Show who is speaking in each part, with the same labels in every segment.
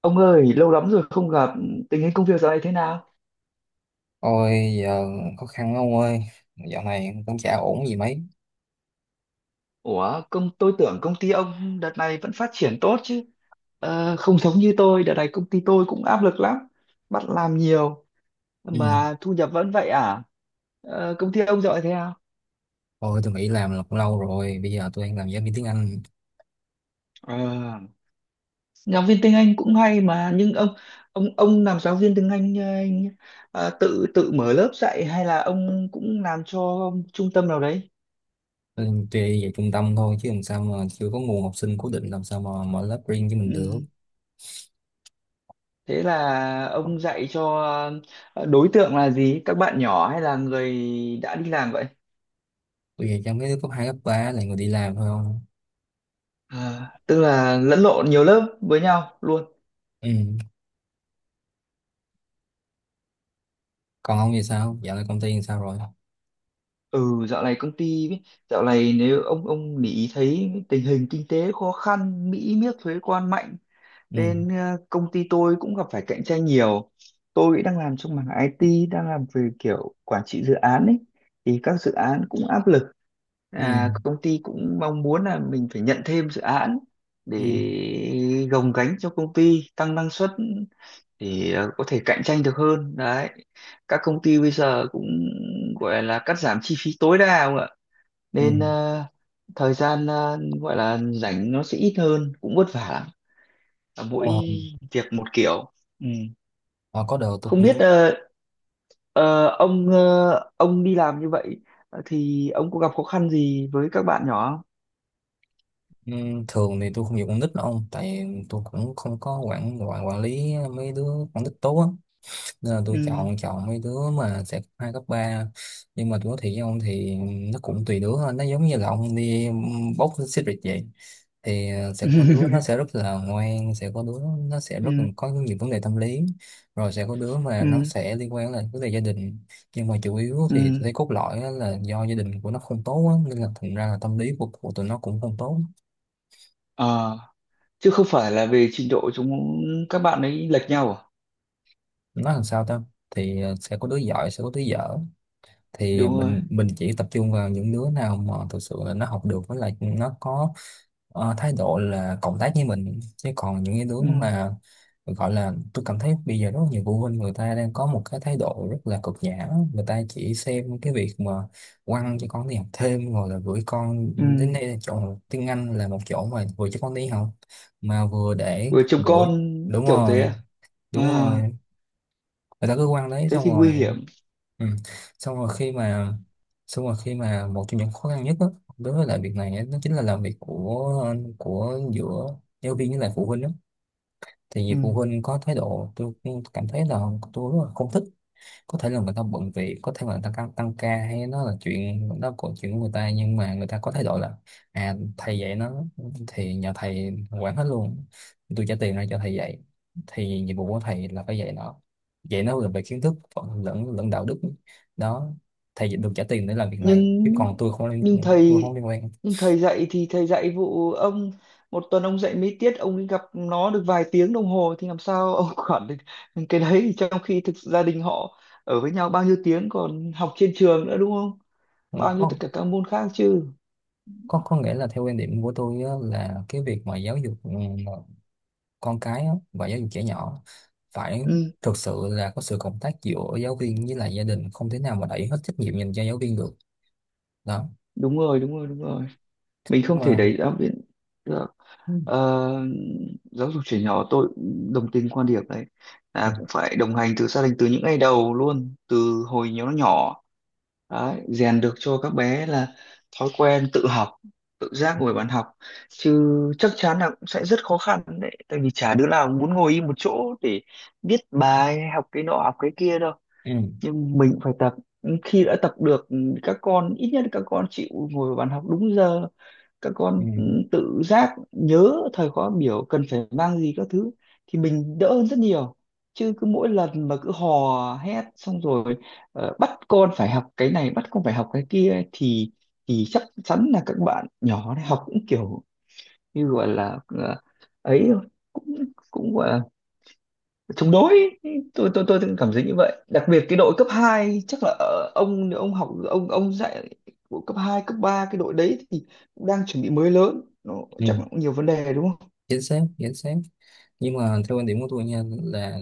Speaker 1: Ông ơi, lâu lắm rồi không gặp, tình hình công việc dạo này thế nào?
Speaker 2: Ôi giờ, khó khăn lắm ông ơi. Dạo này cũng chả ổn gì mấy.
Speaker 1: Ủa, tôi tưởng công ty ông đợt này vẫn phát triển tốt chứ. Ờ, không giống như tôi, đợt này công ty tôi cũng áp lực lắm, bắt làm nhiều
Speaker 2: Ừ.
Speaker 1: mà thu nhập vẫn vậy à? Ờ, công ty ông dạo này thế nào?
Speaker 2: Ôi, tôi nghỉ làm là cũng lâu rồi. Bây giờ tôi đang làm giáo viên tiếng Anh.
Speaker 1: Ờ, giáo viên tiếng Anh cũng hay mà, nhưng ông làm giáo viên tiếng Anh tự tự mở lớp dạy hay là ông cũng làm cho trung tâm nào đấy?
Speaker 2: Tuy về trung tâm thôi chứ làm sao mà chưa có nguồn học sinh cố định. Làm sao mà mở lớp riêng cho mình
Speaker 1: Ừ.
Speaker 2: được?
Speaker 1: Thế là ông dạy cho đối tượng là gì? Các bạn nhỏ hay là người đã đi làm vậy?
Speaker 2: Tôi về trong mấy đứa cấp 2 cấp ba, là người đi làm thôi không.
Speaker 1: À, tức là lẫn lộn nhiều lớp với nhau luôn.
Speaker 2: Ừ. Còn ông thì sao? Dạo này công ty thì sao rồi?
Speaker 1: Ừ, dạo này công ty ấy, dạo này nếu ông để ý thấy tình hình kinh tế khó khăn, Mỹ miết thuế quan mạnh
Speaker 2: Ừ.
Speaker 1: nên công ty tôi cũng gặp phải cạnh tranh nhiều. Tôi đang làm trong mảng IT, đang làm về kiểu quản trị dự án ấy thì các dự án cũng áp lực,
Speaker 2: Ừ.
Speaker 1: à, công ty cũng mong muốn là mình phải nhận thêm dự án để
Speaker 2: Ừ.
Speaker 1: gồng gánh cho công ty tăng năng suất để có thể cạnh tranh được hơn đấy, các công ty bây giờ cũng gọi là cắt giảm chi phí tối đa không ạ,
Speaker 2: Ừ.
Speaker 1: nên thời gian gọi là rảnh nó sẽ ít hơn, cũng vất vả lắm. Và mỗi
Speaker 2: Ờ,
Speaker 1: việc một kiểu. Ừ.
Speaker 2: ờ, có đợt tôi
Speaker 1: Không biết
Speaker 2: cũng.
Speaker 1: ông ông đi làm như vậy thì ông có gặp khó khăn gì với các bạn nhỏ không?
Speaker 2: Ừ, thường thì tôi không dùng con nít đâu ông, tại tôi cũng không có quản quản quản lý mấy đứa con nít tốt á, nên là tôi
Speaker 1: Ừ.
Speaker 2: chọn chọn mấy đứa mà sẽ cấp hai cấp ba. Nhưng mà tôi nói thiệt với ông thì nó cũng tùy đứa thôi, nó giống như là ông đi bốc xích vậy. Thì ờ, sẽ có đứa nó sẽ rất là ngoan, sẽ có đứa nó sẽ rất là
Speaker 1: Ừ.
Speaker 2: có nhiều vấn đề tâm lý. Rồi sẽ có đứa mà nó
Speaker 1: Ừ.
Speaker 2: sẽ liên quan là vấn đề gia đình. Nhưng mà chủ yếu thì tôi
Speaker 1: Ừ.
Speaker 2: thấy cốt lõi á là do gia đình của nó không tốt á, nên là thành ra là tâm lý của tụi nó cũng không tốt.
Speaker 1: À, chứ không phải là về trình độ chúng, các bạn ấy lệch nhau à?
Speaker 2: Nó làm sao ta? Thì ờ, sẽ có đứa giỏi, sẽ có đứa dở. Thì
Speaker 1: Đúng rồi.
Speaker 2: mình chỉ tập trung vào những đứa nào mà thực sự là nó học được với lại nó có ờ, thái độ là cộng tác với mình, chứ còn những cái đứa
Speaker 1: Ừ.
Speaker 2: mà gọi là. Tôi cảm thấy bây giờ rất nhiều phụ huynh người ta đang có một cái thái độ rất là cực nhã, người ta chỉ xem cái việc mà quăng cho con đi học thêm rồi là gửi con
Speaker 1: Ừ.
Speaker 2: đến đây, là chỗ tiếng Anh là một chỗ mà vừa cho con đi học mà vừa để
Speaker 1: Vừa chồng
Speaker 2: gửi.
Speaker 1: con
Speaker 2: Đúng
Speaker 1: kiểu thế
Speaker 2: rồi.
Speaker 1: à?
Speaker 2: Đúng
Speaker 1: À,
Speaker 2: rồi. Người ta cứ quăng đấy
Speaker 1: thế
Speaker 2: xong
Speaker 1: thì nguy
Speaker 2: rồi.
Speaker 1: hiểm.
Speaker 2: Ừ. Xong rồi khi mà xong rồi khi mà một trong những khó khăn nhất đó, đối với lại việc này á, đó chính là làm việc của giữa giáo viên với lại phụ huynh đó. Thì
Speaker 1: Ừ.
Speaker 2: vì phụ huynh có thái độ, tôi cảm thấy là tôi rất là không thích. Có thể là người ta bận việc, có thể là người ta tăng ca, hay nó là chuyện đó của chuyện của người ta, nhưng mà người ta có thái độ là à, thầy dạy nó thì nhà thầy quản hết luôn. Tôi trả tiền ra cho thầy dạy thì nhiệm vụ của thầy là phải dạy nó. Dạy nó là về kiến thức còn lẫn lẫn đạo đức. Đó. Thầy được trả tiền để làm việc này
Speaker 1: nhưng
Speaker 2: chứ còn
Speaker 1: nhưng
Speaker 2: tôi không
Speaker 1: thầy
Speaker 2: liên quan.
Speaker 1: nhưng thầy dạy thì thầy dạy vụ ông, một tuần ông dạy mấy tiết, ông ấy gặp nó được vài tiếng đồng hồ thì làm sao ông quản được cái đấy, trong khi thực sự gia đình họ ở với nhau bao nhiêu tiếng, còn học trên trường nữa, đúng không,
Speaker 2: Ừ,
Speaker 1: bao nhiêu tất
Speaker 2: có.
Speaker 1: cả các môn khác chứ.
Speaker 2: Có nghĩa là theo quan điểm của tôi á, là cái việc mà giáo dục con cái á, và giáo dục trẻ nhỏ phải
Speaker 1: Ừ.
Speaker 2: thực sự là có sự cộng tác giữa giáo viên với lại gia đình, không thể nào mà đẩy hết trách nhiệm dành cho giáo viên được. Đó,
Speaker 1: Đúng rồi, đúng rồi, đúng rồi, mình không
Speaker 2: đúng
Speaker 1: thể
Speaker 2: không?
Speaker 1: đẩy giáo viên được.
Speaker 2: Ừ.
Speaker 1: Ờ, giáo dục trẻ nhỏ tôi cũng đồng tình quan điểm đấy,
Speaker 2: Ừ.
Speaker 1: là cũng phải đồng hành từ gia đình từ những ngày đầu luôn, từ hồi nhỏ nó nhỏ đấy, rèn được cho các bé là thói quen tự học, tự giác ngồi bàn học chứ. Chắc chắn là cũng sẽ rất khó khăn đấy, tại vì chả đứa nào muốn ngồi im một chỗ để viết bài, học cái nọ học cái kia đâu, nhưng mình cũng phải tập. Khi đã tập được các con ít nhất là các con chịu ngồi vào bàn học đúng giờ, các
Speaker 2: Ừ.
Speaker 1: con tự giác nhớ thời khóa biểu cần phải mang gì các thứ thì mình đỡ hơn rất nhiều. Chứ cứ mỗi lần mà cứ hò hét xong rồi bắt con phải học cái này bắt con phải học cái kia ấy, thì chắc chắn là các bạn nhỏ này học cũng kiểu như gọi là ấy thôi, cũng cũng gọi là chống đối. Tôi cảm thấy như vậy, đặc biệt cái đội cấp 2 chắc là ông học ông dạy của cấp 2 cấp 3 cái đội đấy thì cũng đang chuẩn bị mới lớn, nó
Speaker 2: Ừ.
Speaker 1: chắc là cũng nhiều vấn đề đúng không.
Speaker 2: Chính xác, chính xác. Nhưng mà theo quan điểm của tôi nha, là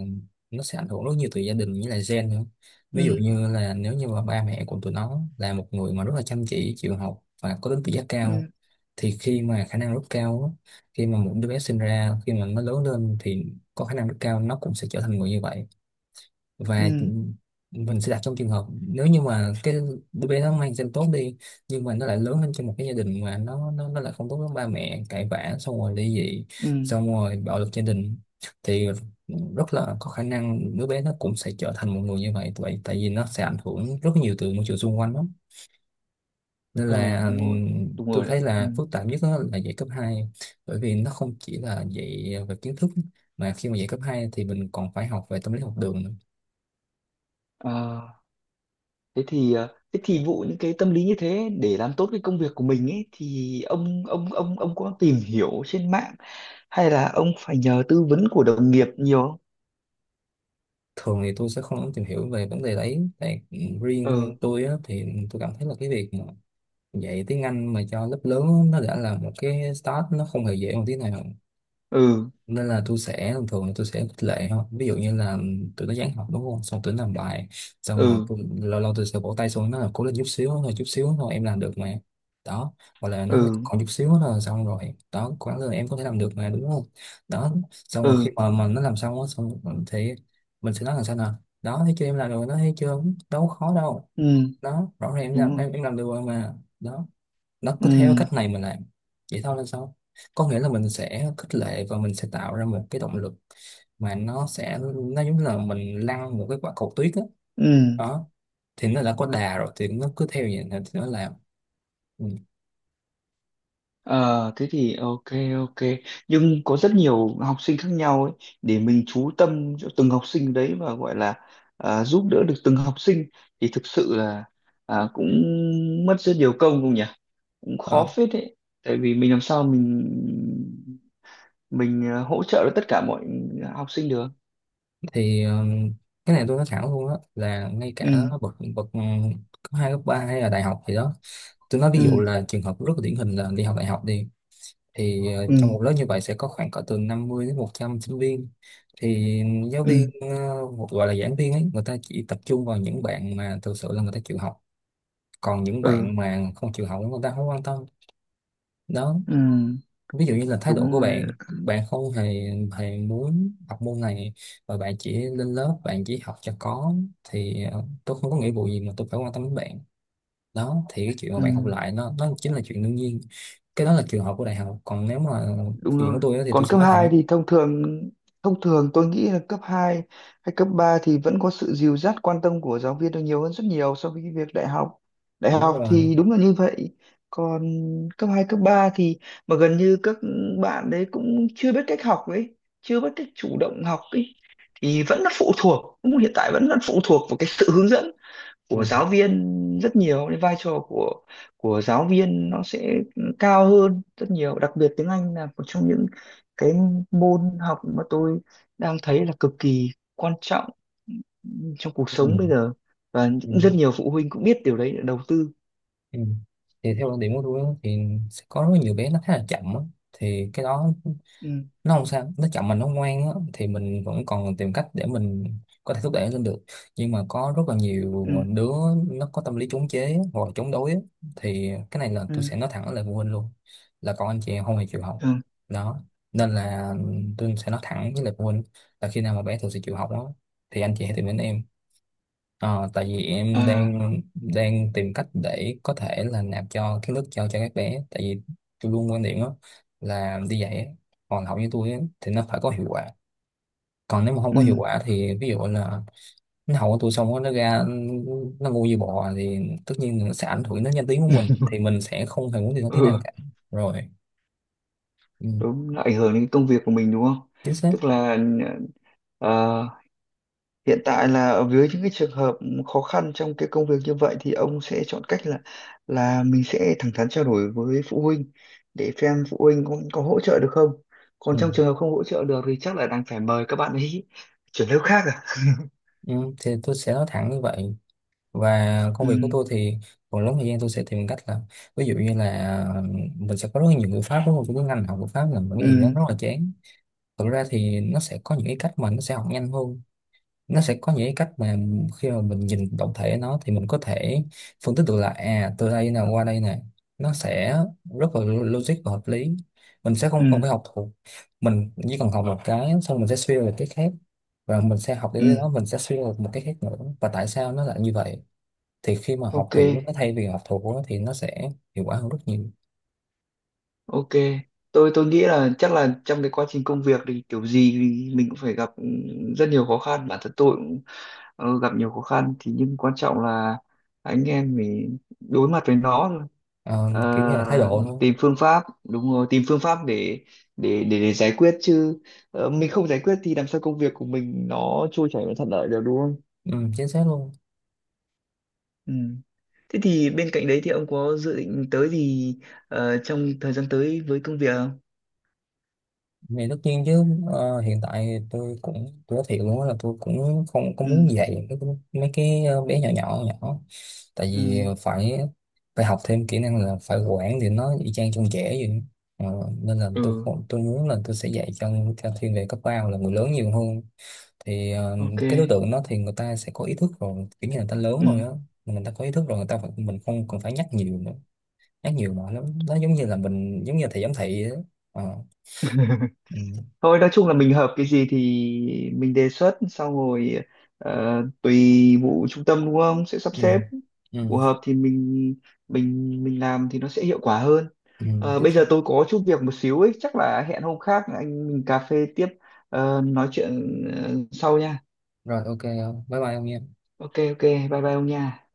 Speaker 2: nó sẽ ảnh hưởng rất nhiều từ gia đình với lại gen nữa. Ví dụ
Speaker 1: Ừ.
Speaker 2: như là nếu như mà ba mẹ của tụi nó là một người mà rất là chăm chỉ, chịu học và có tính tự giác
Speaker 1: Ừ.
Speaker 2: cao, thì khi mà khả năng rất cao á, khi mà một đứa bé sinh ra, khi mà nó lớn lên thì có khả năng rất cao nó cũng sẽ trở thành người như vậy. Và
Speaker 1: Ừ.
Speaker 2: mình sẽ đặt trong trường hợp nếu như mà cái đứa bé nó mang gen tốt đi, nhưng mà nó lại lớn lên trong một cái gia đình mà nó lại không tốt, với ba mẹ cãi vã xong rồi ly dị,
Speaker 1: Ừ.
Speaker 2: xong rồi bạo lực gia đình, thì rất là có khả năng đứa bé nó cũng sẽ trở thành một người như vậy. Vậy tại vì nó sẽ ảnh hưởng rất nhiều từ môi trường xung quanh lắm. Nên
Speaker 1: Ừ.
Speaker 2: là
Speaker 1: Đúng rồi, đúng
Speaker 2: tôi
Speaker 1: rồi đấy.
Speaker 2: thấy
Speaker 1: Ừ.
Speaker 2: là phức tạp nhất đó là dạy cấp hai, bởi vì nó không chỉ là dạy về kiến thức, mà khi mà dạy cấp 2 thì mình còn phải học về tâm lý học đường nữa.
Speaker 1: À, thế thì vụ những cái tâm lý như thế để làm tốt cái công việc của mình ấy thì ông có tìm hiểu trên mạng hay là ông phải nhờ tư vấn của đồng nghiệp nhiều không?
Speaker 2: Thường thì tôi sẽ không lắm tìm hiểu về vấn đề đấy, tại riêng
Speaker 1: Ừ.
Speaker 2: tôi á, thì tôi cảm thấy là cái việc mà dạy tiếng Anh mà cho lớp lớn á, nó đã là một cái start, nó không hề dễ một tí nào.
Speaker 1: Ừ.
Speaker 2: Nên là tôi sẽ thường thường là tôi sẽ khích lệ thôi. Ví dụ như là tụi nó dán học đúng không, xong tụi nó làm bài xong rồi,
Speaker 1: Ừ.
Speaker 2: lâu lâu tôi sẽ vỗ tay xuống nó là cố lên, chút xíu thôi, chút xíu thôi, em làm được mà. Đó, hoặc là nó
Speaker 1: Ừ.
Speaker 2: còn chút xíu nữa là xong rồi, đó quán rồi, em có thể làm được mà, đúng không? Đó, xong rồi
Speaker 1: Ừ.
Speaker 2: khi mà nó làm xong á, xong rồi thì mình sẽ nói là sao nào. Đó, thấy chưa, em làm được rồi, nó thấy chưa, đâu có khó đâu.
Speaker 1: Ừ.
Speaker 2: Đó, rõ ràng
Speaker 1: Đúng rồi.
Speaker 2: em làm được rồi mà. Đó, nó cứ
Speaker 1: Ừ.
Speaker 2: theo cách này mình làm vậy thôi là sao. Có nghĩa là mình sẽ khích lệ và mình sẽ tạo ra một cái động lực, mà nó giống như là mình lăn một cái quả cầu tuyết á.
Speaker 1: Ừ.
Speaker 2: Đó. Thì nó đã có đà rồi thì nó cứ theo vậy thì nó làm. Ừ.
Speaker 1: Ờ thế thì ok, ok, nhưng có rất nhiều học sinh khác nhau ấy, để mình chú tâm cho từng học sinh đấy và gọi là à, giúp đỡ được từng học sinh thì thực sự là à, cũng mất rất nhiều công không nhỉ, cũng
Speaker 2: Ờ,
Speaker 1: khó phết đấy, tại vì mình làm sao mình à, hỗ trợ được tất cả mọi học sinh được.
Speaker 2: thì cái này tôi nói thẳng luôn á, là ngay cả
Speaker 1: Ừ.
Speaker 2: bậc bậc cấp hai cấp ba hay là đại học thì đó, tôi nói ví
Speaker 1: Ừ.
Speaker 2: dụ là trường hợp rất là điển hình là đi học đại học đi, thì ờ, trong
Speaker 1: Ừ.
Speaker 2: một lớp như vậy sẽ có khoảng cỡ từ 50 đến 100 sinh viên. Thì giáo
Speaker 1: Ừ.
Speaker 2: viên ờ, một gọi là giảng viên ấy, người ta chỉ tập trung vào những bạn mà thực sự là người ta chịu học, còn những
Speaker 1: Ừ.
Speaker 2: bạn mà không chịu học người ta không quan tâm. Đó.
Speaker 1: Ừ.
Speaker 2: Ví dụ như là thái độ
Speaker 1: Đúng
Speaker 2: của
Speaker 1: rồi.
Speaker 2: bạn, bạn không hề hề muốn học môn này, và bạn chỉ lên lớp, bạn chỉ học cho có, thì ờ, tôi không có nghĩa vụ gì mà tôi phải quan tâm đến bạn. Đó, thì cái chuyện mà
Speaker 1: Ừ.
Speaker 2: bạn học lại nó chính là chuyện đương nhiên. Cái đó là trường hợp của đại học, còn nếu mà
Speaker 1: Đúng
Speaker 2: chuyện của
Speaker 1: rồi.
Speaker 2: tôi á thì tôi
Speaker 1: Còn
Speaker 2: sẽ
Speaker 1: cấp
Speaker 2: nói
Speaker 1: 2
Speaker 2: thẳng.
Speaker 1: thì thông thường, thông thường tôi nghĩ là cấp 2 hay cấp 3 thì vẫn có sự dìu dắt quan tâm của giáo viên là nhiều hơn rất nhiều so với cái việc đại học. Đại
Speaker 2: Đúng
Speaker 1: học
Speaker 2: rồi.
Speaker 1: thì đúng là như vậy. Còn cấp 2 cấp 3 thì mà gần như các bạn đấy cũng chưa biết cách học ấy, chưa biết cách chủ động học ấy, thì vẫn là phụ thuộc, cũng hiện tại vẫn là phụ thuộc vào cái sự hướng dẫn
Speaker 2: Ừ.
Speaker 1: của giáo viên, rất nhiều, cái vai trò của giáo viên nó sẽ cao hơn rất nhiều, đặc biệt tiếng Anh là một trong những cái môn học mà tôi đang thấy là cực kỳ quan trọng trong cuộc
Speaker 2: Ừ.
Speaker 1: sống bây giờ, và
Speaker 2: Ừ.
Speaker 1: cũng rất nhiều phụ huynh cũng biết điều đấy để đầu tư.
Speaker 2: Ừ. Thì theo quan điểm của tôi á, thì sẽ có rất nhiều bé nó khá là chậm á. Thì cái đó
Speaker 1: Ừ.
Speaker 2: nó không sao, nó chậm mà nó ngoan á, thì mình vẫn còn tìm cách để mình có thể thúc đẩy nó lên được. Nhưng mà có rất là
Speaker 1: Ừ.
Speaker 2: nhiều đứa nó có tâm lý chống chế hoặc là chống đối á, thì cái này là tôi
Speaker 1: Ừ.
Speaker 2: sẽ nói thẳng lời phụ huynh luôn, là con anh chị em không hề chịu học.
Speaker 1: Ừ.
Speaker 2: Đó, nên là tôi sẽ nói thẳng với lại phụ huynh là khi nào mà bé thực sự chịu học á, thì anh chị hãy tìm đến em. Ờ, tại vì em
Speaker 1: À.
Speaker 2: đang đang tìm cách để có thể là nạp cho cái lớp, cho các bé, tại vì tôi luôn quan điểm đó là đi dạy á, còn học với tôi á, thì nó phải có hiệu quả. Còn nếu mà không
Speaker 1: Ừ.
Speaker 2: có hiệu quả thì ví dụ là nó học của tôi xong rồi nó ra nó ngu như bò, thì tất nhiên là sẽ ảnh hưởng đến danh tiếng của mình, thì mình sẽ không hề muốn điều đó tí nào
Speaker 1: Ừ,
Speaker 2: cả. Rồi. Ừ,
Speaker 1: đúng, nó ảnh hưởng đến công việc của mình đúng không,
Speaker 2: chính xác.
Speaker 1: tức là ờ, hiện tại là ở dưới những cái trường hợp khó khăn trong cái công việc như vậy thì ông sẽ chọn cách là mình sẽ thẳng thắn trao đổi với phụ huynh để xem phụ huynh có hỗ trợ được không. Còn
Speaker 2: Ừ.
Speaker 1: trong trường hợp không hỗ trợ được thì chắc là đang phải mời các bạn ấy chuyển lớp khác à.
Speaker 2: Ừ, thì tôi sẽ nói thẳng như vậy, và
Speaker 1: Ừ.
Speaker 2: công việc của tôi thì phần lớn thời gian tôi sẽ tìm cách là ví dụ như là ờ, mình sẽ có rất là nhiều ngữ pháp, đúng không? Cái ngành học ngữ pháp là một cái gì đó
Speaker 1: Ừ.
Speaker 2: rất là chán. Thực ra thì nó sẽ có những cái cách mà nó sẽ học nhanh hơn. Nó sẽ có những cái cách mà khi mà mình nhìn tổng thể nó thì mình có thể phân tích được là à, từ đây nè qua đây nè, nó sẽ rất là logic và hợp lý. Mình sẽ không cần
Speaker 1: Ừ.
Speaker 2: phải học thuộc. Mình chỉ cần học một cái xong mình sẽ suy ra được cái khác, và mình sẽ học đến
Speaker 1: Ừ.
Speaker 2: đó mình sẽ suy ra được một cái khác nữa, và tại sao nó lại như vậy. Thì khi mà học
Speaker 1: Ok,
Speaker 2: hiểu nó thay vì học thuộc á, thì nó sẽ hiệu quả hơn rất nhiều.
Speaker 1: ok. Tôi nghĩ là chắc là trong cái quá trình công việc thì kiểu gì thì mình cũng phải gặp rất nhiều khó khăn. Bản thân tôi cũng gặp nhiều khó khăn thì, nhưng quan trọng là anh em mình đối mặt với nó thôi.
Speaker 2: Ờ, kiểu như là thái
Speaker 1: Ờ,
Speaker 2: độ thôi.
Speaker 1: tìm phương pháp, đúng rồi, tìm phương pháp để để giải quyết chứ, ờ, mình không giải quyết thì làm sao công việc của mình nó trôi chảy và thuận lợi được đúng không.
Speaker 2: Ừ, chính xác luôn.
Speaker 1: Ừ. Thế thì bên cạnh đấy thì ông có dự định tới gì trong thời gian tới với công việc không?
Speaker 2: Thì tất nhiên chứ. Ờ, hiện tại tôi nói thiệt luôn á, là tôi cũng không có
Speaker 1: Ừ.
Speaker 2: muốn dạy mấy cái, mấy cái bé nhỏ nhỏ nhỏ, tại vì
Speaker 1: Ừ.
Speaker 2: phải phải học thêm kỹ năng là phải quản thì nó y chang trong trẻ vậy. Ờ, nên là tôi
Speaker 1: Ừ.
Speaker 2: không- tôi muốn là tôi sẽ dạy cho thiên về cấp ba hoặc là người lớn nhiều hơn. Thì ờ,
Speaker 1: Ok.
Speaker 2: cái đối tượng đó thì người ta sẽ có ý thức rồi, kiểu như là người ta lớn rồi
Speaker 1: Ừ.
Speaker 2: á, mà người ta có ý thức rồi, mình không cần phải nhắc nhiều nữa. Nhắc nhiều mỏi lắm, nó giống như là mình giống như là thầy giám thị á. Ờ. Ừ.
Speaker 1: Thôi nói chung là mình hợp cái gì thì mình đề xuất sau rồi ờ, tùy vụ trung tâm đúng không sẽ sắp
Speaker 2: Ừ.
Speaker 1: xếp
Speaker 2: Ừ.
Speaker 1: phù hợp thì mình mình làm thì nó sẽ hiệu quả hơn.
Speaker 2: Ừ.
Speaker 1: Ờ,
Speaker 2: Chính
Speaker 1: bây
Speaker 2: xác.
Speaker 1: giờ tôi có chút việc một xíu ấy, chắc là hẹn hôm khác anh mình cà phê tiếp, ờ, nói chuyện ờ, sau nha.
Speaker 2: Rồi, OK không, bye bye ông nha.
Speaker 1: Ok, ok, bye bye ông nha.